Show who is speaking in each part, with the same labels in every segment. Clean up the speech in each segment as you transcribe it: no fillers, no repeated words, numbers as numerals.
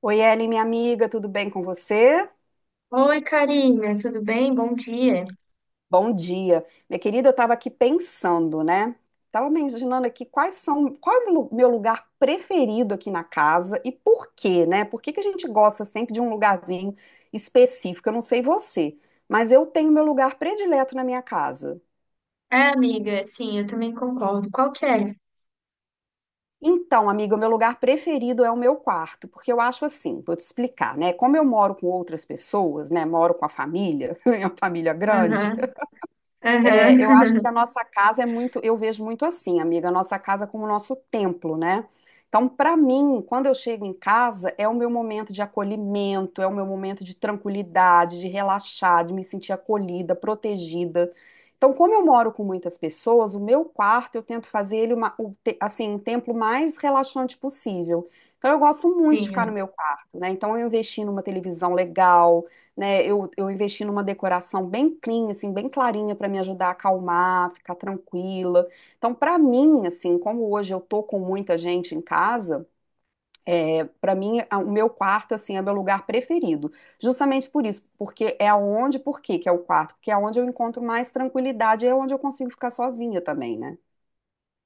Speaker 1: Oi, Ellen, minha amiga, tudo bem com você?
Speaker 2: Oi, Karina, tudo bem? Bom dia.
Speaker 1: Bom dia. Minha querida, eu estava aqui pensando, né? Estava imaginando aqui quais são, qual é o lu- meu lugar preferido aqui na casa e por quê, né? Por que que a gente gosta sempre de um lugarzinho específico? Eu não sei você, mas eu tenho meu lugar predileto na minha casa.
Speaker 2: É, amiga, sim, eu também concordo. Qual que é?
Speaker 1: Então, amiga, o meu lugar preferido é o meu quarto, porque eu acho assim, vou te explicar, né? Como eu moro com outras pessoas, né? Moro com a família, é uma família grande.
Speaker 2: Aham, aham.
Speaker 1: É, eu acho que a nossa casa é muito, eu vejo muito assim, amiga, a nossa casa como o nosso templo, né? Então, para mim, quando eu chego em casa, é o meu momento de acolhimento, é o meu momento de tranquilidade, de relaxar, de me sentir acolhida, protegida. Então, como eu moro com muitas pessoas, o meu quarto eu tento fazer ele uma, o te- assim, um templo mais relaxante possível. Então, eu gosto muito de
Speaker 2: Sim,
Speaker 1: ficar no
Speaker 2: amiga.
Speaker 1: meu quarto, né? Então, eu investi numa televisão legal, né? Eu investi numa decoração bem clean, assim, bem clarinha para me ajudar a acalmar, ficar tranquila. Então, para mim, assim, como hoje eu tô com muita gente em casa, o meu quarto assim é meu lugar preferido. Justamente por isso, porque é onde, por quê que é o quarto? Porque é onde eu encontro mais tranquilidade, é onde eu consigo ficar sozinha também, né?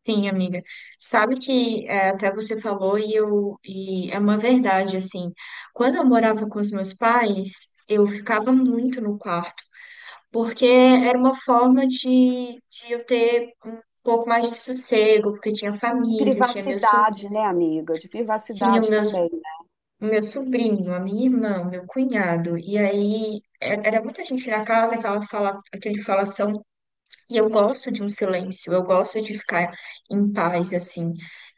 Speaker 2: Sim, amiga. Sabe que é, até você falou e é uma verdade, assim. Quando eu morava com os meus pais, eu ficava muito no quarto, porque era uma forma de eu ter um pouco mais de sossego, porque tinha
Speaker 1: De
Speaker 2: família, tinha meus, so-
Speaker 1: privacidade, né, amiga? De
Speaker 2: tinha
Speaker 1: privacidade
Speaker 2: meus
Speaker 1: também, né?
Speaker 2: o meu sobrinho, a minha irmã, o meu cunhado. E aí era muita gente na casa, aquela fala, aquele falação. E eu gosto de um silêncio, eu gosto de ficar em paz, assim,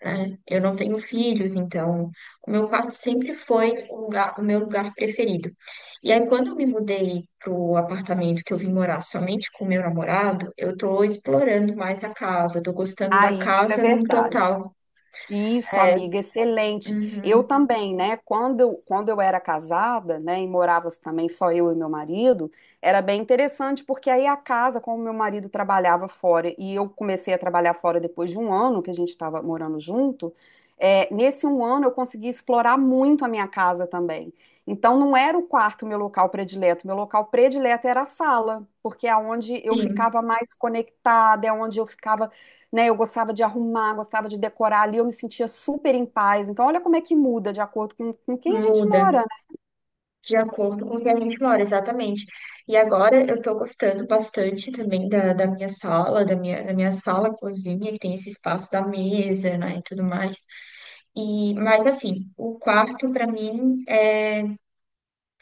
Speaker 2: né? Eu não tenho filhos, então o meu quarto sempre foi o meu lugar preferido. E aí quando eu me mudei pro apartamento que eu vim morar somente com o meu namorado, eu tô explorando mais a casa, tô gostando
Speaker 1: Ah,
Speaker 2: da
Speaker 1: isso é
Speaker 2: casa num
Speaker 1: verdade.
Speaker 2: total.
Speaker 1: Isso,
Speaker 2: É,
Speaker 1: amiga, excelente. Eu
Speaker 2: uhum,
Speaker 1: também, né? Quando eu era casada, né, e morava também só eu e meu marido, era bem interessante porque aí a casa, como meu marido trabalhava fora e eu comecei a trabalhar fora depois de um ano que a gente estava morando junto, é, nesse um ano eu consegui explorar muito a minha casa também. Então não era o quarto meu local predileto era a sala, porque é onde eu
Speaker 2: sim,
Speaker 1: ficava mais conectada, é onde eu ficava, né? Eu gostava de arrumar, gostava de decorar ali, eu me sentia super em paz. Então, olha como é que muda de acordo com quem a gente
Speaker 2: muda.
Speaker 1: mora.
Speaker 2: De acordo com o que a gente mora, exatamente. E agora eu tô gostando bastante também da minha sala, da minha sala cozinha, que tem esse espaço da mesa, né, e tudo mais. E, mas assim, o quarto para mim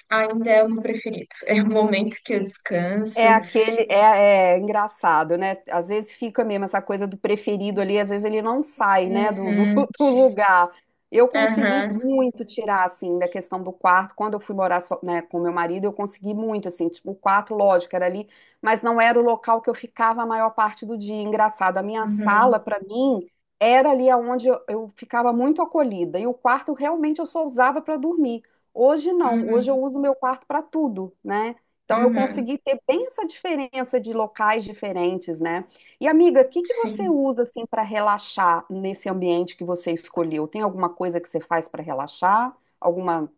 Speaker 2: ainda é o meu preferido. É o momento que eu descanso.
Speaker 1: É aquele, é, é engraçado, né? Às vezes fica mesmo essa coisa do preferido ali, às vezes ele não sai, né,
Speaker 2: Uhum,
Speaker 1: do lugar. Eu consegui
Speaker 2: aham,
Speaker 1: muito tirar, assim, da questão do quarto. Quando eu fui morar só, né, com meu marido, eu consegui muito, assim, tipo, o quarto, lógico, era ali, mas não era o local que eu ficava a maior parte do dia. Engraçado, a minha sala,
Speaker 2: uhum,
Speaker 1: para mim, era ali onde eu ficava muito acolhida. E o quarto, realmente, eu só usava para dormir. Hoje não, hoje eu
Speaker 2: uhum,
Speaker 1: uso meu quarto para tudo, né? Então, eu
Speaker 2: uhum.
Speaker 1: consegui ter bem essa diferença de locais diferentes, né? E, amiga, o que que você
Speaker 2: Sim.
Speaker 1: usa assim para relaxar nesse ambiente que você escolheu? Tem alguma coisa que você faz para relaxar? Alguma,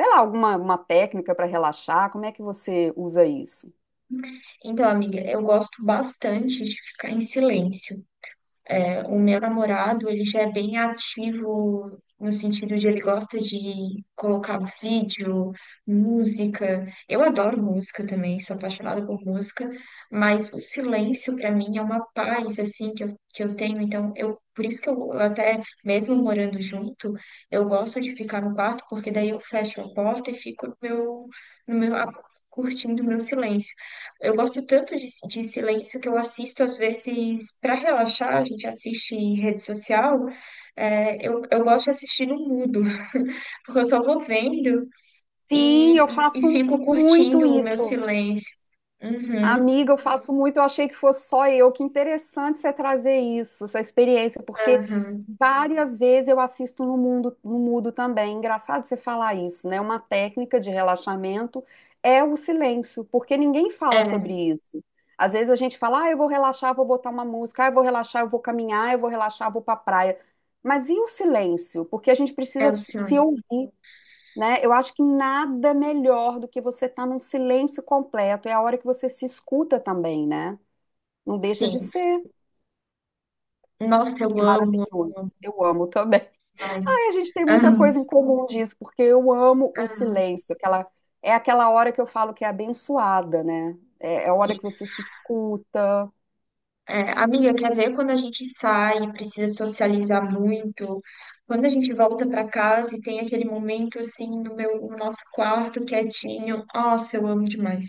Speaker 1: sei lá, alguma uma técnica para relaxar? Como é que você usa isso?
Speaker 2: Então, amiga, eu gosto bastante de ficar em silêncio. O meu namorado, ele já é bem ativo no sentido de ele gosta de colocar um vídeo, música. Eu adoro música também, sou apaixonada por música, mas o silêncio para mim é uma paz assim que eu tenho, então eu por isso que eu até mesmo morando junto, eu gosto de ficar no quarto porque daí eu fecho a porta e fico no meu, no meu a- curtindo o meu silêncio. Eu gosto tanto de silêncio que eu assisto, às vezes, para relaxar, a gente assiste em rede social. Eu gosto de assistir no mudo, porque eu só vou vendo
Speaker 1: Sim, eu
Speaker 2: e
Speaker 1: faço
Speaker 2: fico
Speaker 1: muito
Speaker 2: curtindo o meu
Speaker 1: isso.
Speaker 2: silêncio. Uhum,
Speaker 1: Amiga, eu faço muito, eu achei que fosse só eu. Que interessante você trazer isso, essa experiência, porque
Speaker 2: aham.
Speaker 1: várias vezes eu assisto no mundo, no mudo também. Engraçado você falar isso, né? Uma técnica de relaxamento é o silêncio, porque ninguém fala sobre
Speaker 2: É,
Speaker 1: isso. Às vezes a gente fala, ah, eu vou relaxar, vou botar uma música, ah, eu vou relaxar, eu vou caminhar, eu vou relaxar, eu vou pra praia. Mas e o silêncio? Porque a gente
Speaker 2: é
Speaker 1: precisa
Speaker 2: o
Speaker 1: se
Speaker 2: silêncio.
Speaker 1: ouvir, né? Eu acho que nada melhor do que você estar num silêncio completo. É a hora que você se escuta também, né? Não deixa de
Speaker 2: Sim.
Speaker 1: ser.
Speaker 2: Nossa, eu
Speaker 1: É
Speaker 2: amo
Speaker 1: maravilhoso. Eu amo também.
Speaker 2: mais.
Speaker 1: Aí a gente tem muita
Speaker 2: Aham,
Speaker 1: coisa em comum disso, porque eu amo o
Speaker 2: aham.
Speaker 1: silêncio. Aquela, é aquela hora que eu falo que é abençoada, né? É a hora que você se escuta.
Speaker 2: É, amiga, quer ver quando a gente sai, e precisa socializar muito? Quando a gente volta para casa e tem aquele momento assim no meu, no nosso quarto quietinho. Nossa, eu amo demais.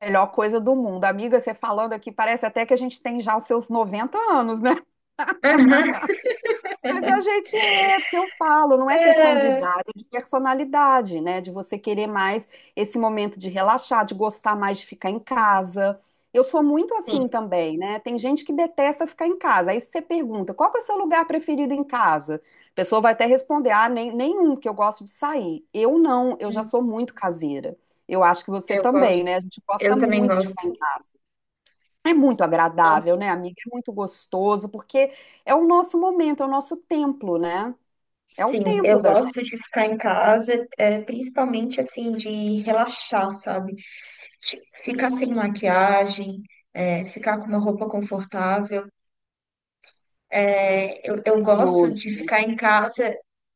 Speaker 1: Melhor coisa do mundo. Amiga, você falando aqui, parece até que a gente tem já os seus 90 anos, né? Mas a gente é, porque eu falo, não é questão de
Speaker 2: É,
Speaker 1: idade, é de personalidade, né? De você querer mais esse momento de relaxar, de gostar mais de ficar em casa. Eu sou muito
Speaker 2: sim,
Speaker 1: assim também, né? Tem gente que detesta ficar em casa. Aí você pergunta, qual que é o seu lugar preferido em casa? A pessoa vai até responder, ah, nem, nenhum, que eu gosto de sair. Eu não, eu já sou muito caseira. Eu acho que você
Speaker 2: eu
Speaker 1: também,
Speaker 2: gosto.
Speaker 1: né? A gente gosta
Speaker 2: Eu também
Speaker 1: muito de
Speaker 2: gosto.
Speaker 1: ficar em casa. É muito agradável, né,
Speaker 2: Nossa.
Speaker 1: amiga? É muito gostoso, porque é o nosso momento, é o nosso templo, né? É o
Speaker 2: Sim, eu
Speaker 1: templo da gente.
Speaker 2: gosto de ficar em casa, principalmente assim, de relaxar, sabe? De ficar sem maquiagem, ficar com uma roupa confortável. Eu gosto de
Speaker 1: Maravilhoso.
Speaker 2: ficar em casa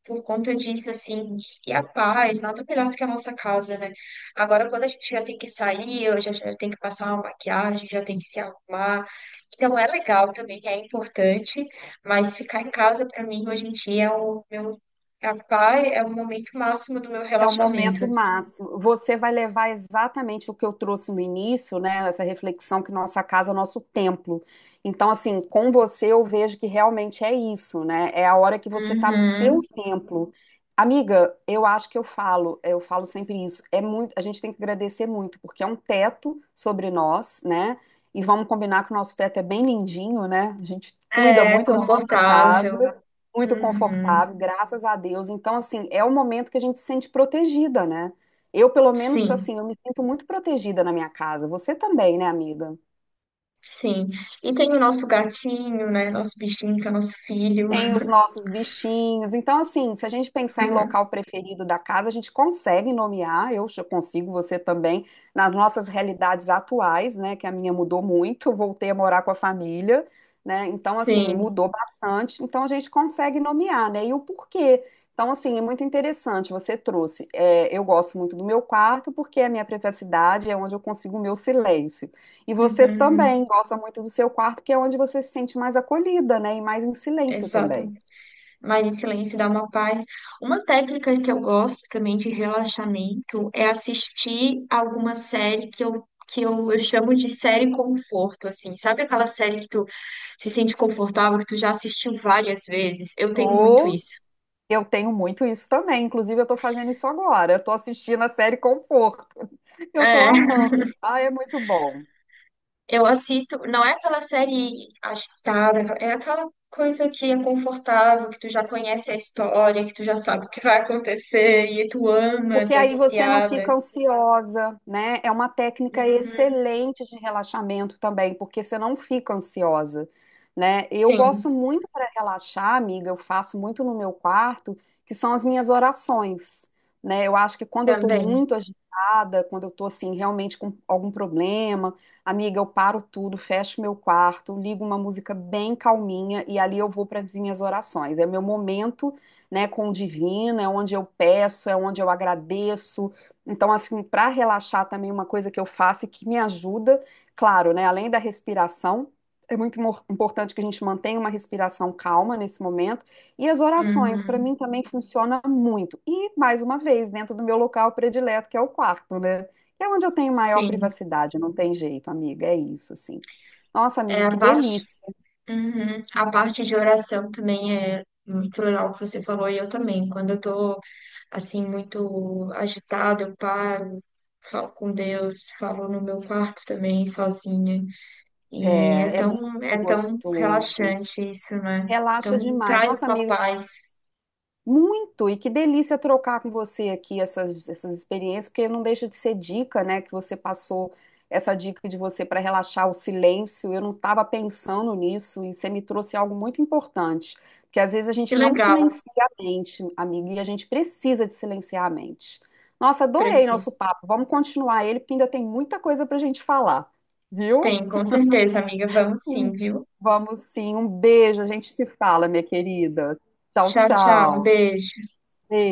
Speaker 2: por conta disso, assim. E a paz, nada melhor do que a nossa casa, né? Agora, quando a gente já tem que sair, eu já, já tem que passar uma maquiagem, já tem que se arrumar. Então, é legal também, é importante, mas ficar em casa, pra mim, hoje em dia, é o meu. A paz é o momento máximo do meu
Speaker 1: É o
Speaker 2: relaxamento,
Speaker 1: momento
Speaker 2: assim.
Speaker 1: máximo. Você vai levar exatamente o que eu trouxe no início, né? Essa reflexão que nossa casa é o nosso templo. Então, assim, com você eu vejo que realmente é isso, né? É a hora que você tá no teu
Speaker 2: Uhum.
Speaker 1: templo. Amiga, eu acho que eu falo sempre isso. É muito, a gente tem que agradecer muito, porque é um teto sobre nós, né? E vamos combinar que o nosso teto é bem lindinho, né? A gente cuida
Speaker 2: É
Speaker 1: muito da nossa
Speaker 2: confortável.
Speaker 1: casa, muito
Speaker 2: Uhum.
Speaker 1: confortável, graças a Deus. Então, assim, é o momento que a gente se sente protegida, né? Eu, pelo menos,
Speaker 2: Sim.
Speaker 1: assim, eu me sinto muito protegida na minha casa. Você também, né, amiga?
Speaker 2: Sim. E tem o nosso gatinho, né? Nosso bichinho, que é nosso filho.
Speaker 1: Tem os nossos bichinhos. Então, assim, se a gente pensar em local preferido da casa, a gente consegue nomear, eu já consigo, você também, nas nossas realidades atuais, né? Que a minha mudou muito, eu voltei a morar com a família, né? Então, assim,
Speaker 2: Sim.
Speaker 1: mudou bastante. Então, a gente consegue nomear, né? E o porquê. Então, assim, é muito interessante, você trouxe. É, eu gosto muito do meu quarto, porque é a minha privacidade, é onde eu consigo o meu silêncio. E você
Speaker 2: Uhum.
Speaker 1: também gosta muito do seu quarto, que é onde você se sente mais acolhida, né? E mais em silêncio
Speaker 2: Exato.
Speaker 1: também.
Speaker 2: Mas em silêncio dá uma paz. Uma técnica que eu gosto também de relaxamento é assistir alguma série que eu chamo de série conforto, assim. Sabe aquela série que tu se sente confortável, que tu já assistiu várias vezes? Eu tenho muito
Speaker 1: Ou
Speaker 2: isso.
Speaker 1: eu tenho muito isso também. Inclusive, eu estou fazendo isso agora. Eu estou assistindo a série Conforto. Eu estou
Speaker 2: É.
Speaker 1: amando. Ah, é muito bom.
Speaker 2: Eu assisto, não é aquela série agitada, é aquela coisa que é confortável, que tu já conhece a história, que tu já sabe o que vai acontecer, e tu ama,
Speaker 1: Porque
Speaker 2: tu é
Speaker 1: aí você não fica
Speaker 2: viciada.
Speaker 1: ansiosa, né? É uma técnica
Speaker 2: Uhum.
Speaker 1: excelente de relaxamento também, porque você não fica ansiosa, né? Eu
Speaker 2: Sim,
Speaker 1: gosto muito para relaxar, amiga, eu faço muito no meu quarto, que são as minhas orações, né? Eu acho que quando eu estou
Speaker 2: também.
Speaker 1: muito agitada, quando eu estou assim realmente com algum problema, amiga, eu paro tudo, fecho meu quarto, ligo uma música bem calminha e ali eu vou para as minhas orações. É meu momento, né, com o divino, é onde eu peço, é onde eu agradeço. Então, assim, para relaxar também uma coisa que eu faço e que me ajuda, claro, né, além da respiração, é importante que a gente mantenha uma respiração calma nesse momento. E as orações, para
Speaker 2: Uhum.
Speaker 1: mim, também funciona muito. E, mais uma vez, dentro do meu local predileto, que é o quarto, né? Que é onde eu tenho maior
Speaker 2: Sim.
Speaker 1: privacidade, não tem jeito, amiga, é isso, assim. Nossa,
Speaker 2: É
Speaker 1: amiga, que
Speaker 2: a parte,
Speaker 1: delícia.
Speaker 2: uhum. A parte de oração também é muito legal que você falou, e eu também. Quando eu tô, assim, muito agitada, eu paro, falo com Deus, falo no meu quarto também, sozinha. E é
Speaker 1: É, é muito
Speaker 2: tão, é tão
Speaker 1: gostoso.
Speaker 2: relaxante isso, né?
Speaker 1: Relaxa
Speaker 2: Então
Speaker 1: demais.
Speaker 2: traz
Speaker 1: Nossa,
Speaker 2: uma
Speaker 1: amiga,
Speaker 2: paz.
Speaker 1: muito, e que delícia trocar com você aqui essas experiências, porque não deixa de ser dica, né, que você passou essa dica de você para relaxar o silêncio. Eu não estava pensando nisso e você me trouxe algo muito importante, porque às vezes a
Speaker 2: Que
Speaker 1: gente não
Speaker 2: legal,
Speaker 1: silencia a mente, amiga, e a gente precisa de silenciar a mente. Nossa, adorei nosso
Speaker 2: preciso.
Speaker 1: papo. Vamos continuar ele, porque ainda tem muita coisa para a gente falar, viu?
Speaker 2: Tem, com certeza, amiga. Vamos sim,
Speaker 1: Um-
Speaker 2: viu?
Speaker 1: Vamos sim, um beijo, a gente se fala, minha querida. Tchau,
Speaker 2: Tchau, tchau. Um
Speaker 1: tchau.
Speaker 2: beijo.
Speaker 1: Beijo.